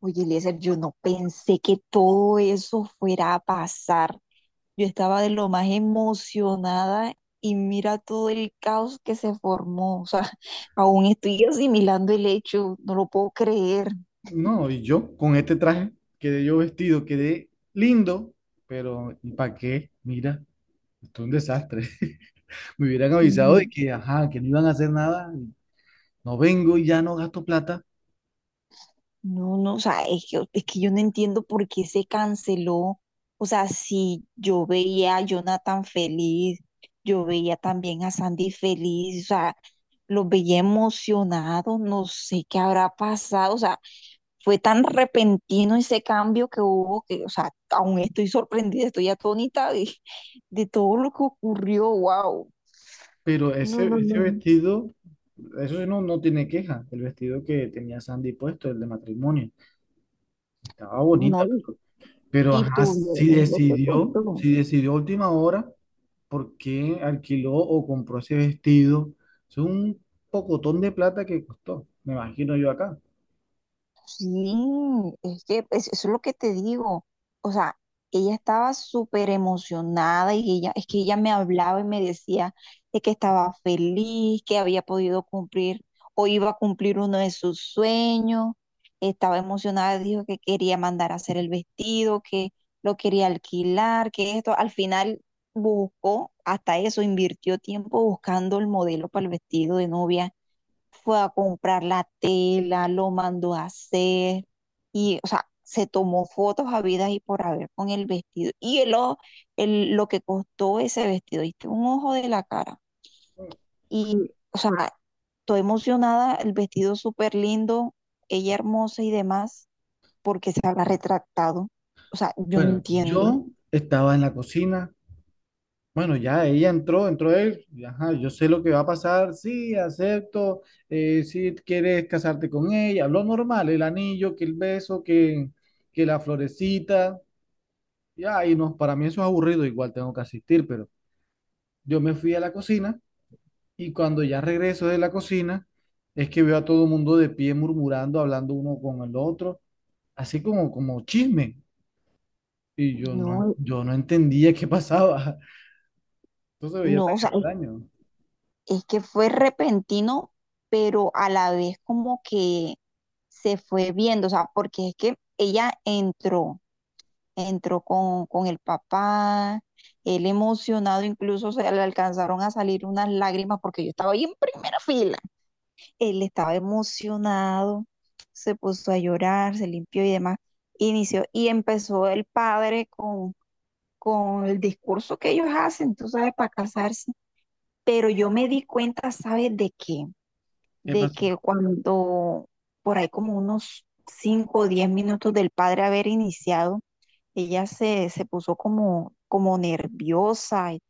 Oye, Eliezer, yo no pensé que todo eso fuera a pasar. Yo estaba de lo más emocionada y mira todo el caos que se formó. O sea, aún estoy asimilando el hecho, no lo puedo creer. No, y yo con este traje quedé yo vestido, quedé lindo, pero ¿y para qué? Mira, esto es un desastre. Me hubieran avisado de Mm. que, ajá, que no iban a hacer nada, no vengo y ya no gasto plata, No, no, o sea, es que yo no entiendo por qué se canceló. O sea, si yo veía a Jonathan feliz, yo veía también a Sandy feliz, o sea, los veía emocionados, no sé qué habrá pasado. O sea, fue tan repentino ese cambio que hubo que, o sea, aún estoy sorprendida, estoy atónita de todo lo que ocurrió, wow. pero No, ese, no, no, ese no. vestido, eso sí no, no tiene queja, el vestido que tenía Sandy puesto, el de matrimonio, estaba No, bonita. y Pero y ajá, si tuvieron lo que decidió, costó. si decidió a última hora, ¿por qué alquiló o compró ese vestido? Es un pocotón de plata que costó, me imagino yo acá. Sí, es que eso es lo que te digo. O sea, ella estaba súper emocionada y ella, es que ella me hablaba y me decía de que estaba feliz, que había podido cumplir o iba a cumplir uno de sus sueños. Estaba emocionada, dijo que quería mandar a hacer el vestido, que lo quería alquilar, que esto. Al final buscó hasta eso, invirtió tiempo buscando el modelo para el vestido de novia, fue a comprar la tela, lo mandó a hacer y, o sea, se tomó fotos habidas y por haber con el vestido. Y lo que costó ese vestido, ¿viste? Un ojo de la cara. Y, o sea, estoy emocionada, el vestido súper lindo, ella hermosa y demás, porque se habrá retractado. O sea, yo no Bueno, entiendo. yo estaba en la cocina. Bueno, ya ella entró, entró él. Y ajá, yo sé lo que va a pasar. Sí, acepto. Si quieres casarte con ella, lo normal, el anillo, que el beso, que la florecita. Ya, y no, para mí eso es aburrido, igual tengo que asistir, pero yo me fui a la cocina. Y cuando ya regreso de la cocina, es que veo a todo el mundo de pie murmurando, hablando uno con el otro, así como chisme. Y No, yo no entendía qué pasaba. Eso se veía no, tan o sea, extraño. es que fue repentino, pero a la vez como que se fue viendo, o sea, porque es que ella entró, entró con el papá, él emocionado, incluso se le alcanzaron a salir unas lágrimas porque yo estaba ahí en primera fila. Él estaba emocionado, se puso a llorar, se limpió y demás. Inició y empezó el padre con el discurso que ellos hacen, tú sabes, para casarse. Pero yo me di cuenta, ¿sabes de qué? ¿Qué De pasó? que cuando por ahí como unos 5 o 10 minutos del padre haber iniciado, ella se puso como nerviosa y,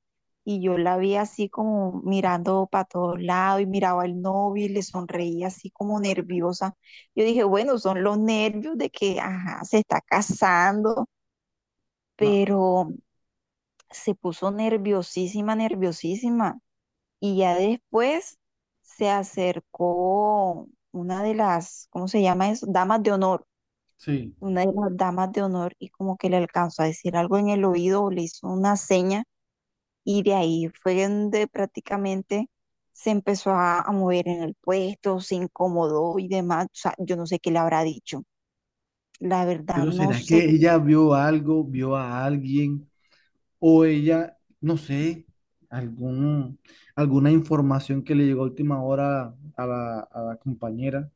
y yo la vi así como mirando para todos lados y miraba al novio y le sonreía así como nerviosa. Yo dije, bueno, son los nervios de que, ajá, se está casando, No, pero se puso nerviosísima, nerviosísima. Y ya después se acercó una de las, ¿cómo se llama eso? Damas de honor, sí. una de las damas de honor y como que le alcanzó a decir algo en el oído, o le hizo una seña y de ahí fue donde prácticamente se empezó a mover en el puesto, se incomodó y demás. O sea, yo no sé qué le habrá dicho. La verdad Pero no ¿será que sé. ella vio algo, vio a alguien? O ella, no sé, algún, alguna información que le llegó a última hora a la compañera.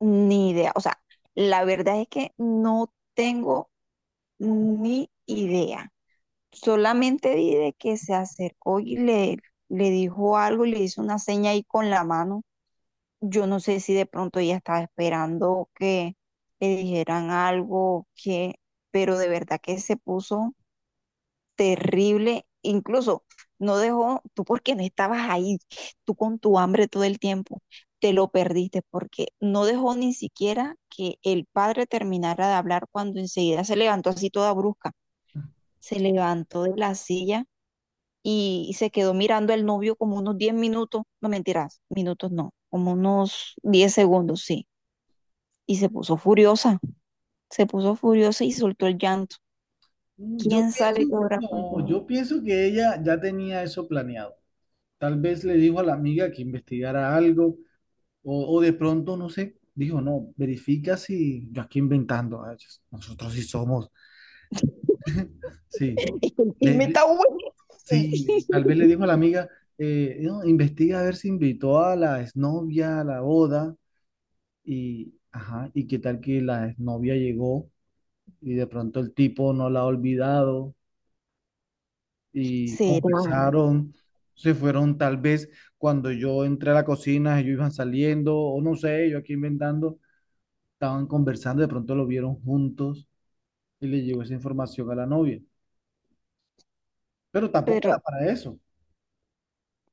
Ni idea. O sea, la verdad es que no tengo ni idea. Solamente di de que se acercó y le dijo algo, le hizo una seña ahí con la mano. Yo no sé si de pronto ella estaba esperando que le dijeran algo, que, pero de verdad que se puso terrible. Incluso no dejó, tú porque no estabas ahí, tú con tu hambre todo el tiempo, te lo perdiste porque no dejó ni siquiera que el padre terminara de hablar cuando enseguida se levantó así toda brusca. Se levantó de la silla y se quedó mirando al novio como unos 10 minutos, no mentiras, minutos no, como unos 10 segundos, sí. Y se puso furiosa y soltó el llanto. Yo ¿Quién sabe qué pienso, habrá no, pasado? yo pienso que ella ya tenía eso planeado. Tal vez le dijo a la amiga que investigara algo, o de pronto, no sé, dijo, no, verifica si yo aquí inventando, ah, chis, nosotros sí somos, sí. Y Le- me le- está bueno. sí, tal vez le dijo a la amiga, no, investiga a ver si invitó a la exnovia a la boda, y, ajá, y qué tal que la exnovia llegó y de pronto el tipo no la ha olvidado, y Será, conversaron, se fueron tal vez cuando yo entré a la cocina, ellos iban saliendo, o no sé, yo aquí inventando, estaban conversando, de pronto lo vieron juntos y le llegó esa información a la novia. Pero tampoco pero da para eso.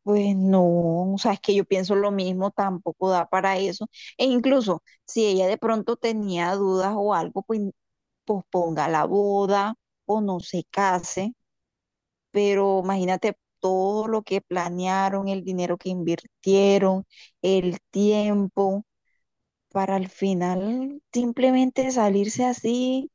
pues no, o sea, es que yo pienso lo mismo, tampoco da para eso. E incluso si ella de pronto tenía dudas o algo, pues posponga la boda o no se case, pero imagínate todo lo que planearon, el dinero que invirtieron, el tiempo, para al final simplemente salirse así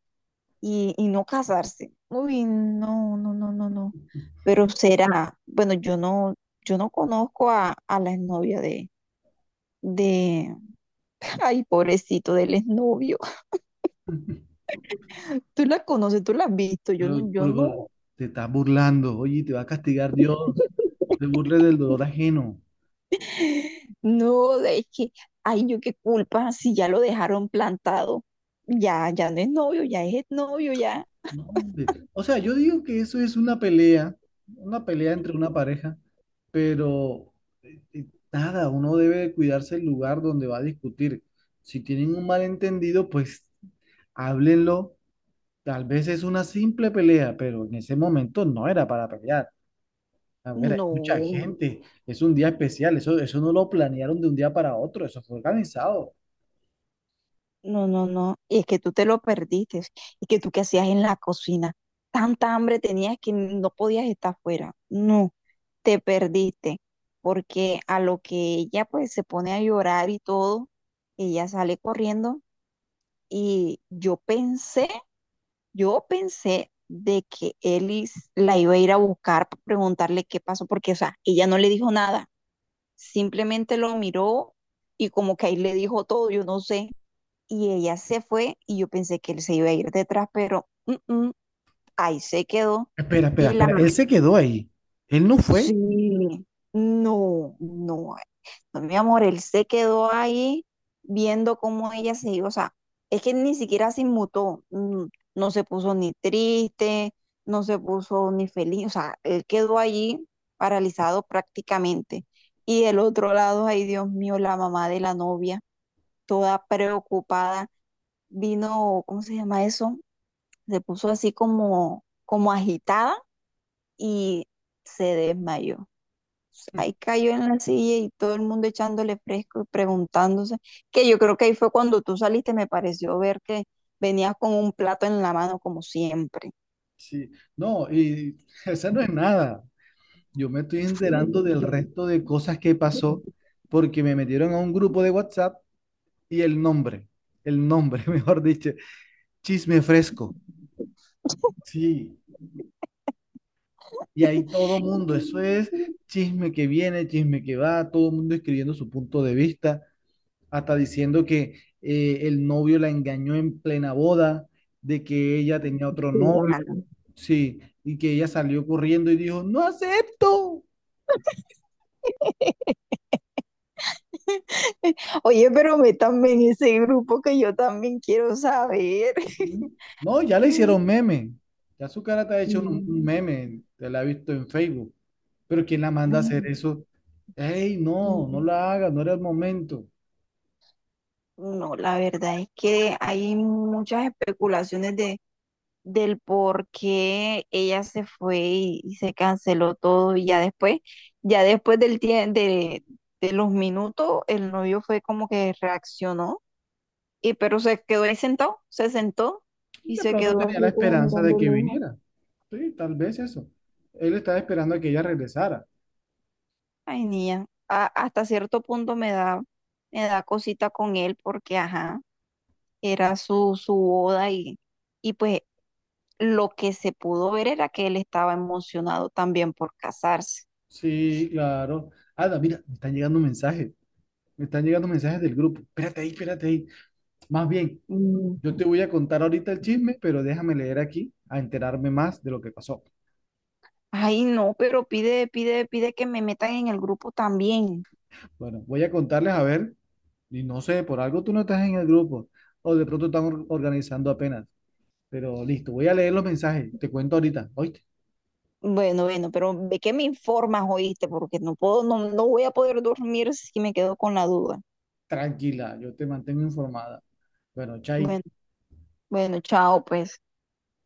y no casarse. Uy, no, no, no, no, no. Pero será, bueno, yo no, conozco a la exnovia de, ay, pobrecito del exnovio. Tú la conoces, tú la has visto, yo no, Pero, yo pero, pero, no. te estás burlando, oye, te va a castigar Dios, te burles del dolor ajeno. No, es que, ay, yo qué culpa si ya lo dejaron plantado. Ya, ya no es novio, ya es novio, ya. No, hombre. O sea, yo digo que eso es una pelea entre una pareja, pero eh, eh, nada, uno debe cuidarse el lugar donde va a discutir. Si tienen un malentendido, pues háblenlo. Tal vez es una simple pelea, pero en ese momento no era para pelear. A ver, hay mucha No, gente, es un día especial, eso no lo planearon de un día para otro, eso fue organizado. no, no, no. Y es que tú te lo perdiste. Es que tú qué hacías en la cocina. Tanta hambre tenías que no podías estar fuera. No, te perdiste. Porque a lo que ella pues se pone a llorar y todo, ella sale corriendo y yo pensé de que Ellis la iba a ir a buscar para preguntarle qué pasó, porque, o sea, ella no le dijo nada, simplemente lo miró y como que ahí le dijo todo, yo no sé, y ella se fue y yo pensé que él se iba a ir detrás, pero ahí se quedó. Espera, espera, Y la. espera, él se quedó ahí, él no Sí, fue. no, no, no, mi amor, él se quedó ahí viendo cómo ella se iba, o sea, es que ni siquiera se inmutó, no se puso ni triste, no se puso ni feliz, o sea, él quedó allí paralizado prácticamente. Y del otro lado, ay Dios mío, la mamá de la novia, toda preocupada, vino, ¿cómo se llama eso? Se puso así como agitada y se desmayó pues. Ahí cayó en la silla y todo el mundo echándole fresco y preguntándose, que yo creo que ahí fue cuando tú saliste, me pareció ver que venías con un plato en la mano como siempre. Sí, no, y esa no es nada. Yo me estoy enterando del resto de cosas que pasó porque me metieron a un grupo de WhatsApp y el nombre, mejor dicho, chisme fresco. Sí, y ahí todo mundo, eso es chisme que viene, chisme que va, todo el mundo escribiendo su punto de vista, hasta diciendo que el novio la engañó en plena boda, de que ella tenía otro novio, Claro. sí, y que ella salió corriendo y dijo, no acepto. Oye, pero métanme en ese grupo que yo también quiero saber. Mm. No, ya le hicieron meme. Ya su cara te ha hecho un Mm, meme, te la ha visto en Facebook. Pero ¿quién la manda a hacer mm, eso? Ey, no, no mm. la haga, no era el momento. No, la verdad es que hay muchas especulaciones de del por qué ella se fue y se canceló todo y ya después de los minutos, el novio fue como que reaccionó y pero se quedó ahí sentado, se sentó Y y de se pronto quedó tenía la así como esperanza de mirando que lejos. viniera. Sí, tal vez eso. Él estaba esperando a que ella regresara. Ay, niña, hasta cierto punto me da cosita con él porque, ajá, era su boda y pues lo que se pudo ver era que él estaba emocionado también por casarse. Sí, claro. Ada, mira, me están llegando mensajes. Me están llegando mensajes del grupo. Espérate ahí, espérate ahí. Más bien, Mm. yo te voy a contar ahorita el chisme, pero déjame leer aquí a enterarme más de lo que pasó. Ay, no, pero pide, pide, pide que me metan en el grupo también. Bueno, voy a contarles a ver. Y no sé, por algo tú no estás en el grupo. O de pronto están organizando apenas. Pero listo, voy a leer los mensajes. Te cuento ahorita. Oíste, Bueno, bueno, pero ve que me informas, oíste, porque no puedo, no voy a poder dormir si me quedo con la duda. tranquila, yo te mantengo informada. Bueno, chaito. Bueno, bueno, chao, pues.